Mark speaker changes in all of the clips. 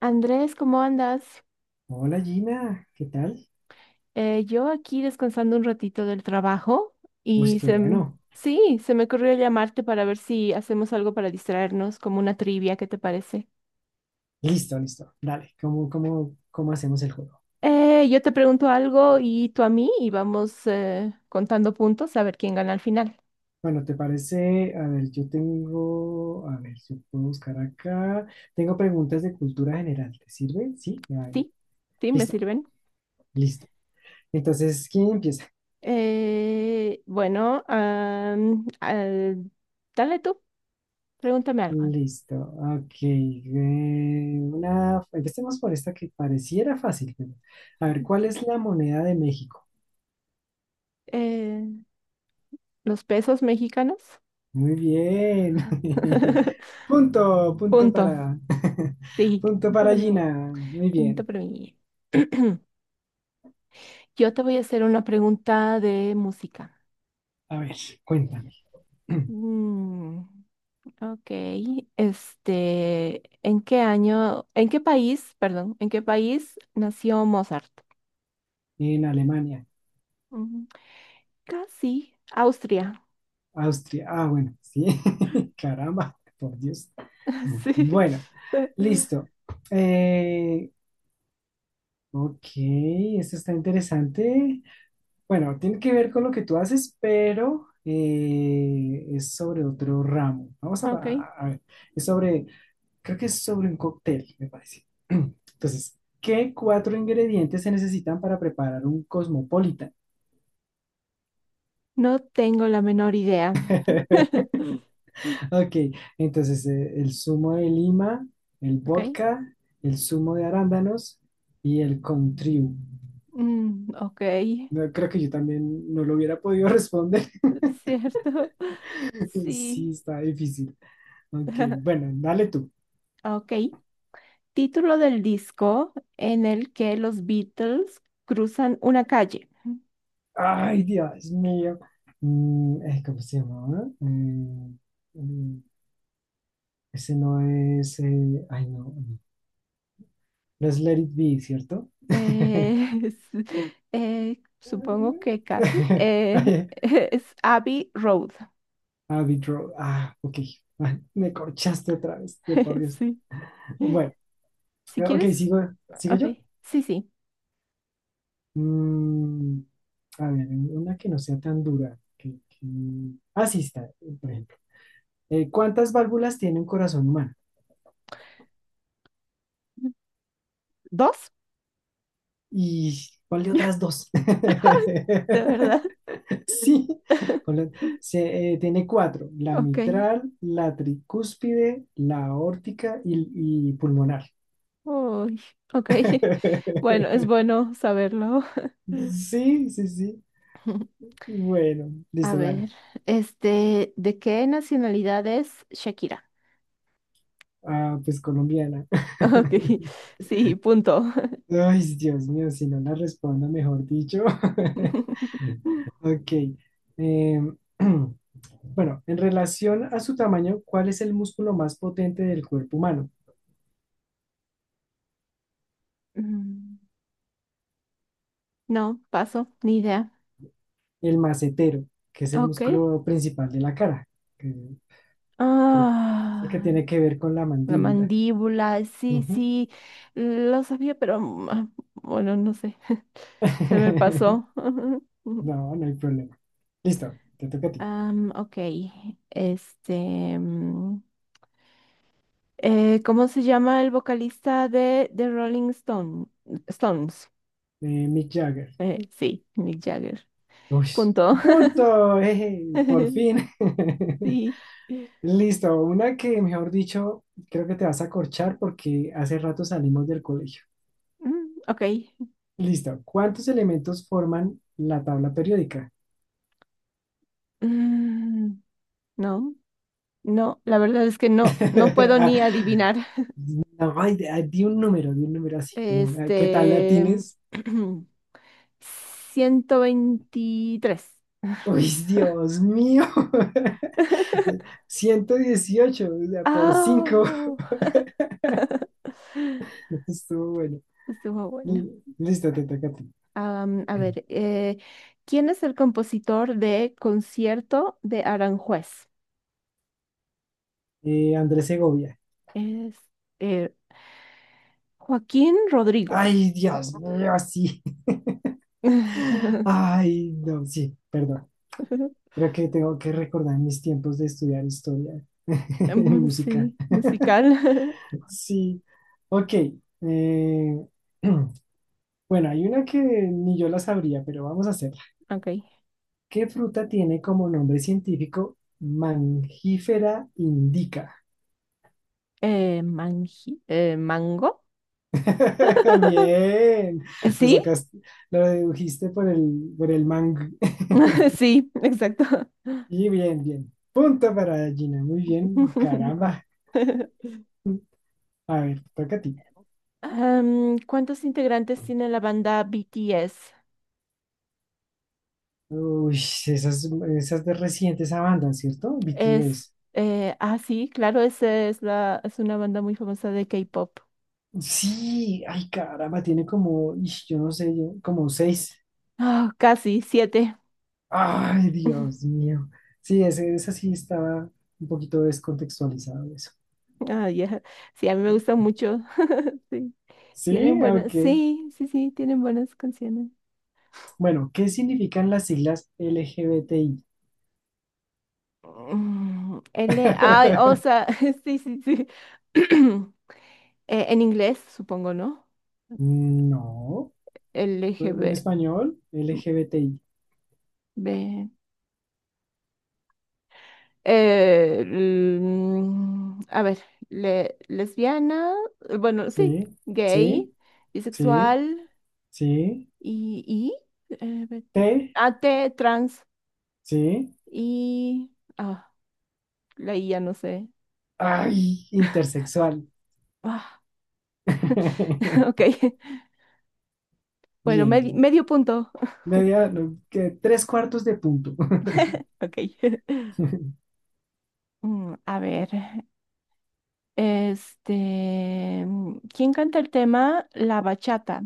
Speaker 1: Andrés, ¿cómo andas?
Speaker 2: Hola Gina, ¿qué tal?
Speaker 1: Yo aquí descansando un ratito del trabajo
Speaker 2: Uy
Speaker 1: y
Speaker 2: qué
Speaker 1: se, m-
Speaker 2: bueno.
Speaker 1: sí, se me ocurrió llamarte para ver si hacemos algo para distraernos, como una trivia, ¿qué te parece?
Speaker 2: Listo, listo. Dale, ¿cómo, cómo hacemos el juego?
Speaker 1: Yo te pregunto algo y tú a mí y vamos contando puntos a ver quién gana al final.
Speaker 2: Bueno, ¿te parece? A ver, yo tengo, a ver, yo puedo buscar acá. Tengo preguntas de cultura general. ¿Te sirve? Sí, ya,
Speaker 1: ¿Sí? ¿Sí? ¿Me
Speaker 2: listo,
Speaker 1: sirven?
Speaker 2: listo. Entonces, ¿quién empieza?
Speaker 1: Bueno, dale tú, pregúntame algo.
Speaker 2: Listo, ok. Una, empecemos por esta que pareciera fácil, pero... A ver, ¿cuál es la moneda de México?
Speaker 1: Eh, ¿Los pesos mexicanos?
Speaker 2: Muy bien. Punto, punto
Speaker 1: Punto.
Speaker 2: para,
Speaker 1: Sí,
Speaker 2: punto
Speaker 1: punto
Speaker 2: para
Speaker 1: para mí.
Speaker 2: Gina. Muy
Speaker 1: Pregunta
Speaker 2: bien.
Speaker 1: para mí. Yo te voy a hacer una pregunta de música.
Speaker 2: A ver, cuéntame.
Speaker 1: Mm, ok. ¿En qué año, en qué país, perdón, en qué país nació Mozart?
Speaker 2: En Alemania,
Speaker 1: Mm, Casi, Austria.
Speaker 2: Austria. Ah, bueno, sí. Caramba, por Dios.
Speaker 1: Sí.
Speaker 2: Bueno, listo. Eh, ok, esto está interesante. Bueno, tiene que ver con lo que tú haces, pero es sobre otro ramo. Vamos
Speaker 1: Ok.
Speaker 2: a ver, es sobre, creo que es sobre un cóctel, me parece. Entonces, ¿qué cuatro ingredientes se necesitan para preparar un cosmopolitan?
Speaker 1: No tengo la menor idea.
Speaker 2: Ok, entonces el zumo de lima, el
Speaker 1: Ok.
Speaker 2: vodka, el zumo de arándanos y el contriu.
Speaker 1: Ok.
Speaker 2: No, creo que yo también no lo hubiera podido responder.
Speaker 1: Cierto.
Speaker 2: Sí,
Speaker 1: Sí.
Speaker 2: está difícil. Ok, bueno, dale tú.
Speaker 1: Ok. Título del disco en el que los Beatles cruzan una calle.
Speaker 2: Ay, Dios mío. ¿Cómo se llama? Mm, Ese no es. Ay, no. No. No es Let It Be, ¿cierto?
Speaker 1: Eh, supongo
Speaker 2: Ujú.
Speaker 1: que casi.
Speaker 2: Ay,
Speaker 1: Es Abbey Road.
Speaker 2: Abbey Road. Ah, ok. Ah, me corchaste otra vez, de por Dios.
Speaker 1: Sí.
Speaker 2: Bueno,
Speaker 1: Si
Speaker 2: ok,
Speaker 1: quieres,
Speaker 2: sigo, ¿sigo
Speaker 1: ok.
Speaker 2: yo?
Speaker 1: Sí, sí.
Speaker 2: Mm, a ver, una que no sea tan dura. Ah, sí, está, por ejemplo. ¿Cuántas válvulas tiene un corazón humano?
Speaker 1: ¿Dos?
Speaker 2: ¿Y cuál de otras dos?
Speaker 1: De verdad.
Speaker 2: Sí, hola. Tiene cuatro, la
Speaker 1: Ok.
Speaker 2: mitral, la tricúspide, la aórtica y pulmonar.
Speaker 1: Uy, ok. Bueno, es bueno saberlo.
Speaker 2: Sí, sí, sí. Bueno,
Speaker 1: A
Speaker 2: listo, dale.
Speaker 1: ver, ¿de qué nacionalidad es Shakira?
Speaker 2: Ah, pues colombiana.
Speaker 1: Ok, sí, punto.
Speaker 2: Ay, Dios mío, si no la respondo, mejor dicho. Ok. eh, bueno, en relación a su tamaño, ¿cuál es el músculo más potente del cuerpo humano?
Speaker 1: Mm, No, paso, ni idea.
Speaker 2: El macetero, que es el
Speaker 1: Ok.
Speaker 2: músculo principal de la cara, que creo que es el que
Speaker 1: Ah,
Speaker 2: tiene que ver con la
Speaker 1: la
Speaker 2: mandíbula.
Speaker 1: mandíbula, sí,
Speaker 2: Ujú.
Speaker 1: sí, lo sabía, pero bueno, no sé, se me pasó.
Speaker 2: No, no hay problema. Listo, te toca a ti.
Speaker 1: Ok, este, mm, ¿cómo se llama el vocalista de Stones?
Speaker 2: Mick Jagger.
Speaker 1: Sí, Mick Jagger.
Speaker 2: Uy,
Speaker 1: Punto.
Speaker 2: punto. Por fin.
Speaker 1: Sí.
Speaker 2: Listo, una que, mejor dicho, creo que te vas a corchar porque hace rato salimos del colegio.
Speaker 1: Ok.
Speaker 2: Listo, ¿cuántos elementos forman la tabla periódica?
Speaker 1: Mm, no, no, la verdad es que no, no puedo
Speaker 2: Ah,
Speaker 1: ni adivinar.
Speaker 2: no, ay, di un número así como, ay, ¿qué tal la
Speaker 1: Este,
Speaker 2: tienes?
Speaker 1: 123.
Speaker 2: Uy, Dios mío, 118, o sea, por
Speaker 1: Ah,
Speaker 2: cinco.
Speaker 1: no,
Speaker 2: Estuvo bueno.
Speaker 1: estuvo buena.
Speaker 2: Li- Listo, te toca a ti.
Speaker 1: A ver, ¿quién es el compositor de Concierto de Aranjuez?
Speaker 2: Andrés Segovia.
Speaker 1: Es eh, Joaquín Rodrigo.
Speaker 2: Ay, Dios mío, sí. Ay, no, sí, perdón. Creo que tengo que recordar mis tiempos de estudiar historia en música.
Speaker 1: Sí, musical.
Speaker 2: Sí, ok. eh, bueno, hay una que ni yo la sabría, pero vamos a hacer.
Speaker 1: Ok.
Speaker 2: ¿Qué fruta tiene como nombre científico mangifera indica?
Speaker 1: Mango.
Speaker 2: Bien, lo
Speaker 1: ¿Sí?
Speaker 2: sacaste, lo dedujiste por el mang.
Speaker 1: Sí, exacto.
Speaker 2: Y bien, bien. Punto para Gina, muy bien, caramba. A ver, toca a ti.
Speaker 1: ¿Cuántos integrantes tiene la banda BTS?
Speaker 2: Uy, esas, esas de recientes esa banda, ¿cierto?
Speaker 1: Es,
Speaker 2: BTS.
Speaker 1: sí, claro, es una banda muy famosa de K-pop.
Speaker 2: Sí, ay, caramba, tiene como, ish, yo no sé, yo... como seis.
Speaker 1: Ah, casi, 7.
Speaker 2: Ay, Dios mío. Sí, ese sí estaba un poquito descontextualizado eso.
Speaker 1: Ah, ya. Sí, a mí me gusta mucho. Sí,
Speaker 2: Sí,
Speaker 1: tienen buenas,
Speaker 2: ok.
Speaker 1: sí, sí, sí, tienen buenas canciones.
Speaker 2: Bueno, ¿qué significan las siglas LGBTI?
Speaker 1: L, ay, o sea, sí, sí, sí. En inglés, supongo, ¿no?
Speaker 2: No, pues, en
Speaker 1: LGB.
Speaker 2: español,
Speaker 1: B-
Speaker 2: LGBTI.
Speaker 1: B. A ver, lesbiana, bueno, sí,
Speaker 2: Sí,
Speaker 1: gay,
Speaker 2: sí, sí,
Speaker 1: bisexual
Speaker 2: sí.
Speaker 1: y, y
Speaker 2: T,
Speaker 1: AT, trans
Speaker 2: sí.
Speaker 1: y... Ah, la I ya no sé.
Speaker 2: Ay, intersexual.
Speaker 1: Ah, ok. Bueno,
Speaker 2: Bien, bien.
Speaker 1: medio punto.
Speaker 2: Media, no, que tres cuartos de punto.
Speaker 1: Ok. A ver. ¿Quién canta el tema? La bachata.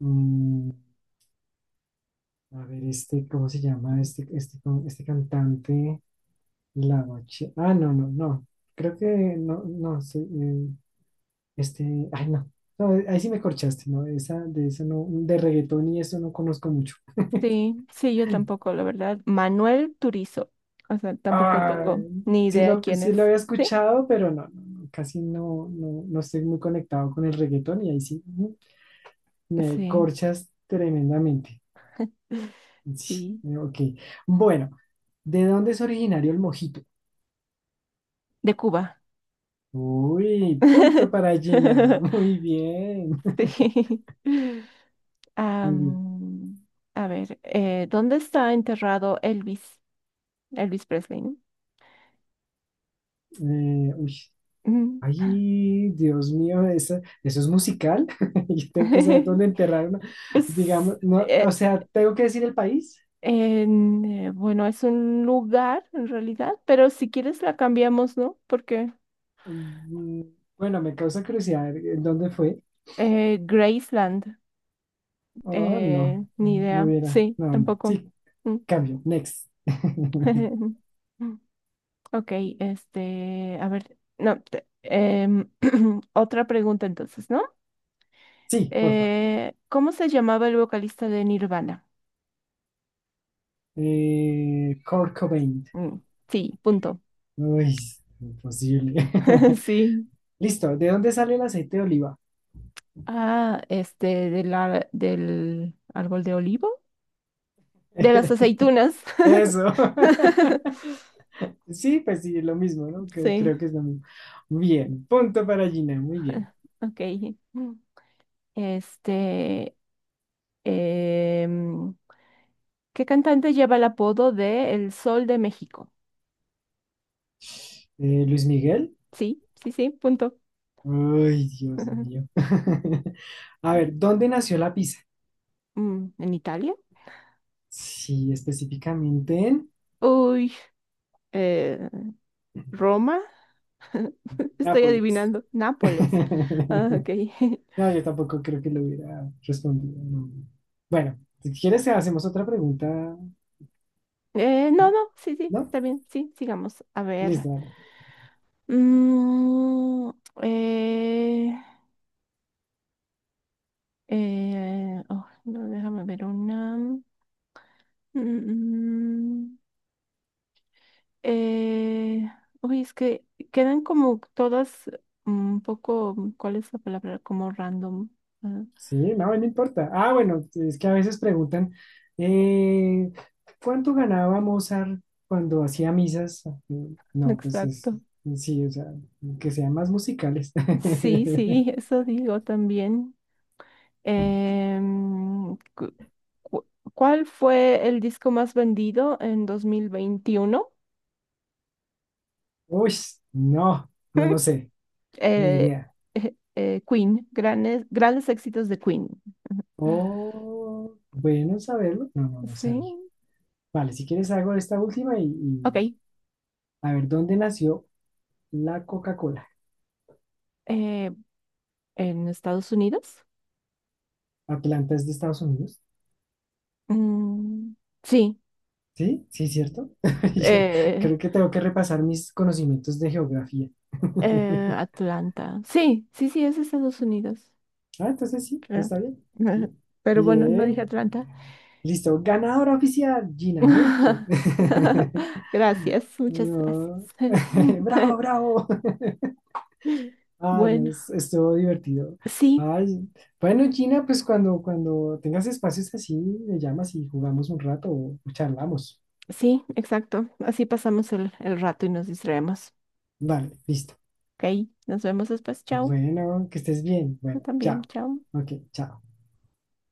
Speaker 2: Mm, A ver, este, ¿cómo se llama? Este cantante, la bache. Ah, no, no, no. Creo que no, no, sí, este, ay, no. No, ahí sí me corchaste, ¿no? Esa, de eso no, de reggaetón y eso no conozco mucho.
Speaker 1: Sí, sí, yo tampoco, la verdad. Manuel Turizo. O sea, tampoco tengo
Speaker 2: Ay,
Speaker 1: ni idea quién
Speaker 2: sí
Speaker 1: es.
Speaker 2: lo había
Speaker 1: Sí,
Speaker 2: escuchado, pero no, no, no, casi no, no, no estoy muy conectado con el reggaetón y ahí sí me
Speaker 1: sí,
Speaker 2: corchas tremendamente. Sí,
Speaker 1: sí.
Speaker 2: ok. Bueno, ¿de dónde es originario el mojito?
Speaker 1: De Cuba.
Speaker 2: Uy, punto para Gina. Muy bien.
Speaker 1: Sí.
Speaker 2: Mm,
Speaker 1: Am, a ver, ¿dónde está enterrado Elvis? Elvis Presley, ¿no?
Speaker 2: eh, uy,
Speaker 1: Ujú.
Speaker 2: Ay, Dios mío, ¿eso, eso es musical? Yo tengo que saber dónde enterrar una, digamos,
Speaker 1: Es,
Speaker 2: no, o
Speaker 1: eh,
Speaker 2: sea, tengo que decir el país.
Speaker 1: Bueno, es un lugar en realidad, pero si quieres la cambiamos, ¿no? Porque
Speaker 2: Mm, bueno, me causa curiosidad, ¿en ¿dónde fue?
Speaker 1: Graceland,
Speaker 2: Oh, no,
Speaker 1: ni
Speaker 2: no
Speaker 1: idea.
Speaker 2: hubiera,
Speaker 1: Sí,
Speaker 2: no,
Speaker 1: tampoco.
Speaker 2: sí,
Speaker 1: Mm.
Speaker 2: cambio, next.
Speaker 1: Ok, a ver, no, otra pregunta entonces, ¿no?
Speaker 2: Sí, por favor.
Speaker 1: ¿Cómo se llamaba el vocalista de Nirvana?
Speaker 2: Kurt Cobain.
Speaker 1: Mm, Sí, punto.
Speaker 2: Uy, imposible.
Speaker 1: Sí.
Speaker 2: Listo, ¿de dónde sale el aceite de oliva?
Speaker 1: Ah, este, del árbol de olivo. De las aceitunas.
Speaker 2: Eso. Sí, pues sí, lo mismo, ¿no? Que
Speaker 1: Sí,
Speaker 2: creo que es lo mismo. Bien, punto para Gina, muy bien.
Speaker 1: ok. Este, em, ¿Qué cantante lleva el apodo de El Sol de México?
Speaker 2: Luis Miguel.
Speaker 1: Sí, sí, sí, punto.
Speaker 2: Ay, Dios mío. A ver, ¿dónde nació la pizza?
Speaker 1: ¿En Italia?
Speaker 2: Sí, específicamente en
Speaker 1: Uy, eh, Roma. Estoy
Speaker 2: Nápoles.
Speaker 1: adivinando. Nápoles. Ah, ok.
Speaker 2: No, yo tampoco creo que lo hubiera respondido. No. Bueno, si quieres, hacemos otra pregunta,
Speaker 1: No, no, sí, sí,
Speaker 2: ¿no?
Speaker 1: está bien. Sí, sigamos. A ver.
Speaker 2: Listo,
Speaker 1: Mm, eh, oh, no, déjame ver una. Mm, mm. eh, Uy, es que quedan como todas un poco, mm, ¿cuál es la palabra? Como random. ah,
Speaker 2: sí, no, no importa. Ah, bueno, es que a veces preguntan, eh, ¿cuánto ganaba Mozart cuando hacía misas? No, pues es,
Speaker 1: exacto.
Speaker 2: sí, o sea, que sean más musicales.
Speaker 1: Sí, sí, eso digo también. Em, cu- cu- ¿Cuál fue el disco más vendido en 2021?
Speaker 2: Uy, no, no, no sé, ni
Speaker 1: Eh,
Speaker 2: idea.
Speaker 1: Queen, grandes éxitos de Queen.
Speaker 2: Oh, bueno saberlo. No, no, no
Speaker 1: Sí,
Speaker 2: sabía. Vale, si quieres hago esta última
Speaker 1: ok.
Speaker 2: y a ver, ¿dónde nació la Coca-Cola?
Speaker 1: Eh, en Estados Unidos.
Speaker 2: ¿Atlanta es de Estados Unidos?
Speaker 1: Mm, sí,
Speaker 2: Sí, sí, cierto. Yo
Speaker 1: eh,
Speaker 2: creo que tengo que repasar mis conocimientos de geografía.
Speaker 1: Atlanta. Sí, sí, sí, es Estados Unidos.
Speaker 2: Ah, entonces sí,
Speaker 1: Creo.
Speaker 2: está bien. ¿Mm?
Speaker 1: Pero bueno, no dije
Speaker 2: Bien.
Speaker 1: Atlanta.
Speaker 2: Listo, ganadora oficial, Gina, muy bien.
Speaker 1: Gracias, muchas gracias.
Speaker 2: No. Bravo, bravo. Ah, no,
Speaker 1: Bueno,
Speaker 2: estuvo divertido.
Speaker 1: sí,
Speaker 2: Ay, bueno, Gina, pues cuando, cuando tengas espacios así, me llamas y jugamos un rato o charlamos.
Speaker 1: sí, exacto. Así pasamos el rato y nos distraemos.
Speaker 2: Vale, listo.
Speaker 1: Ok, nos vemos después. Chao.
Speaker 2: Bueno, que estés bien.
Speaker 1: Tú
Speaker 2: Bueno,
Speaker 1: también,
Speaker 2: chao.
Speaker 1: chao.
Speaker 2: Ok, chao.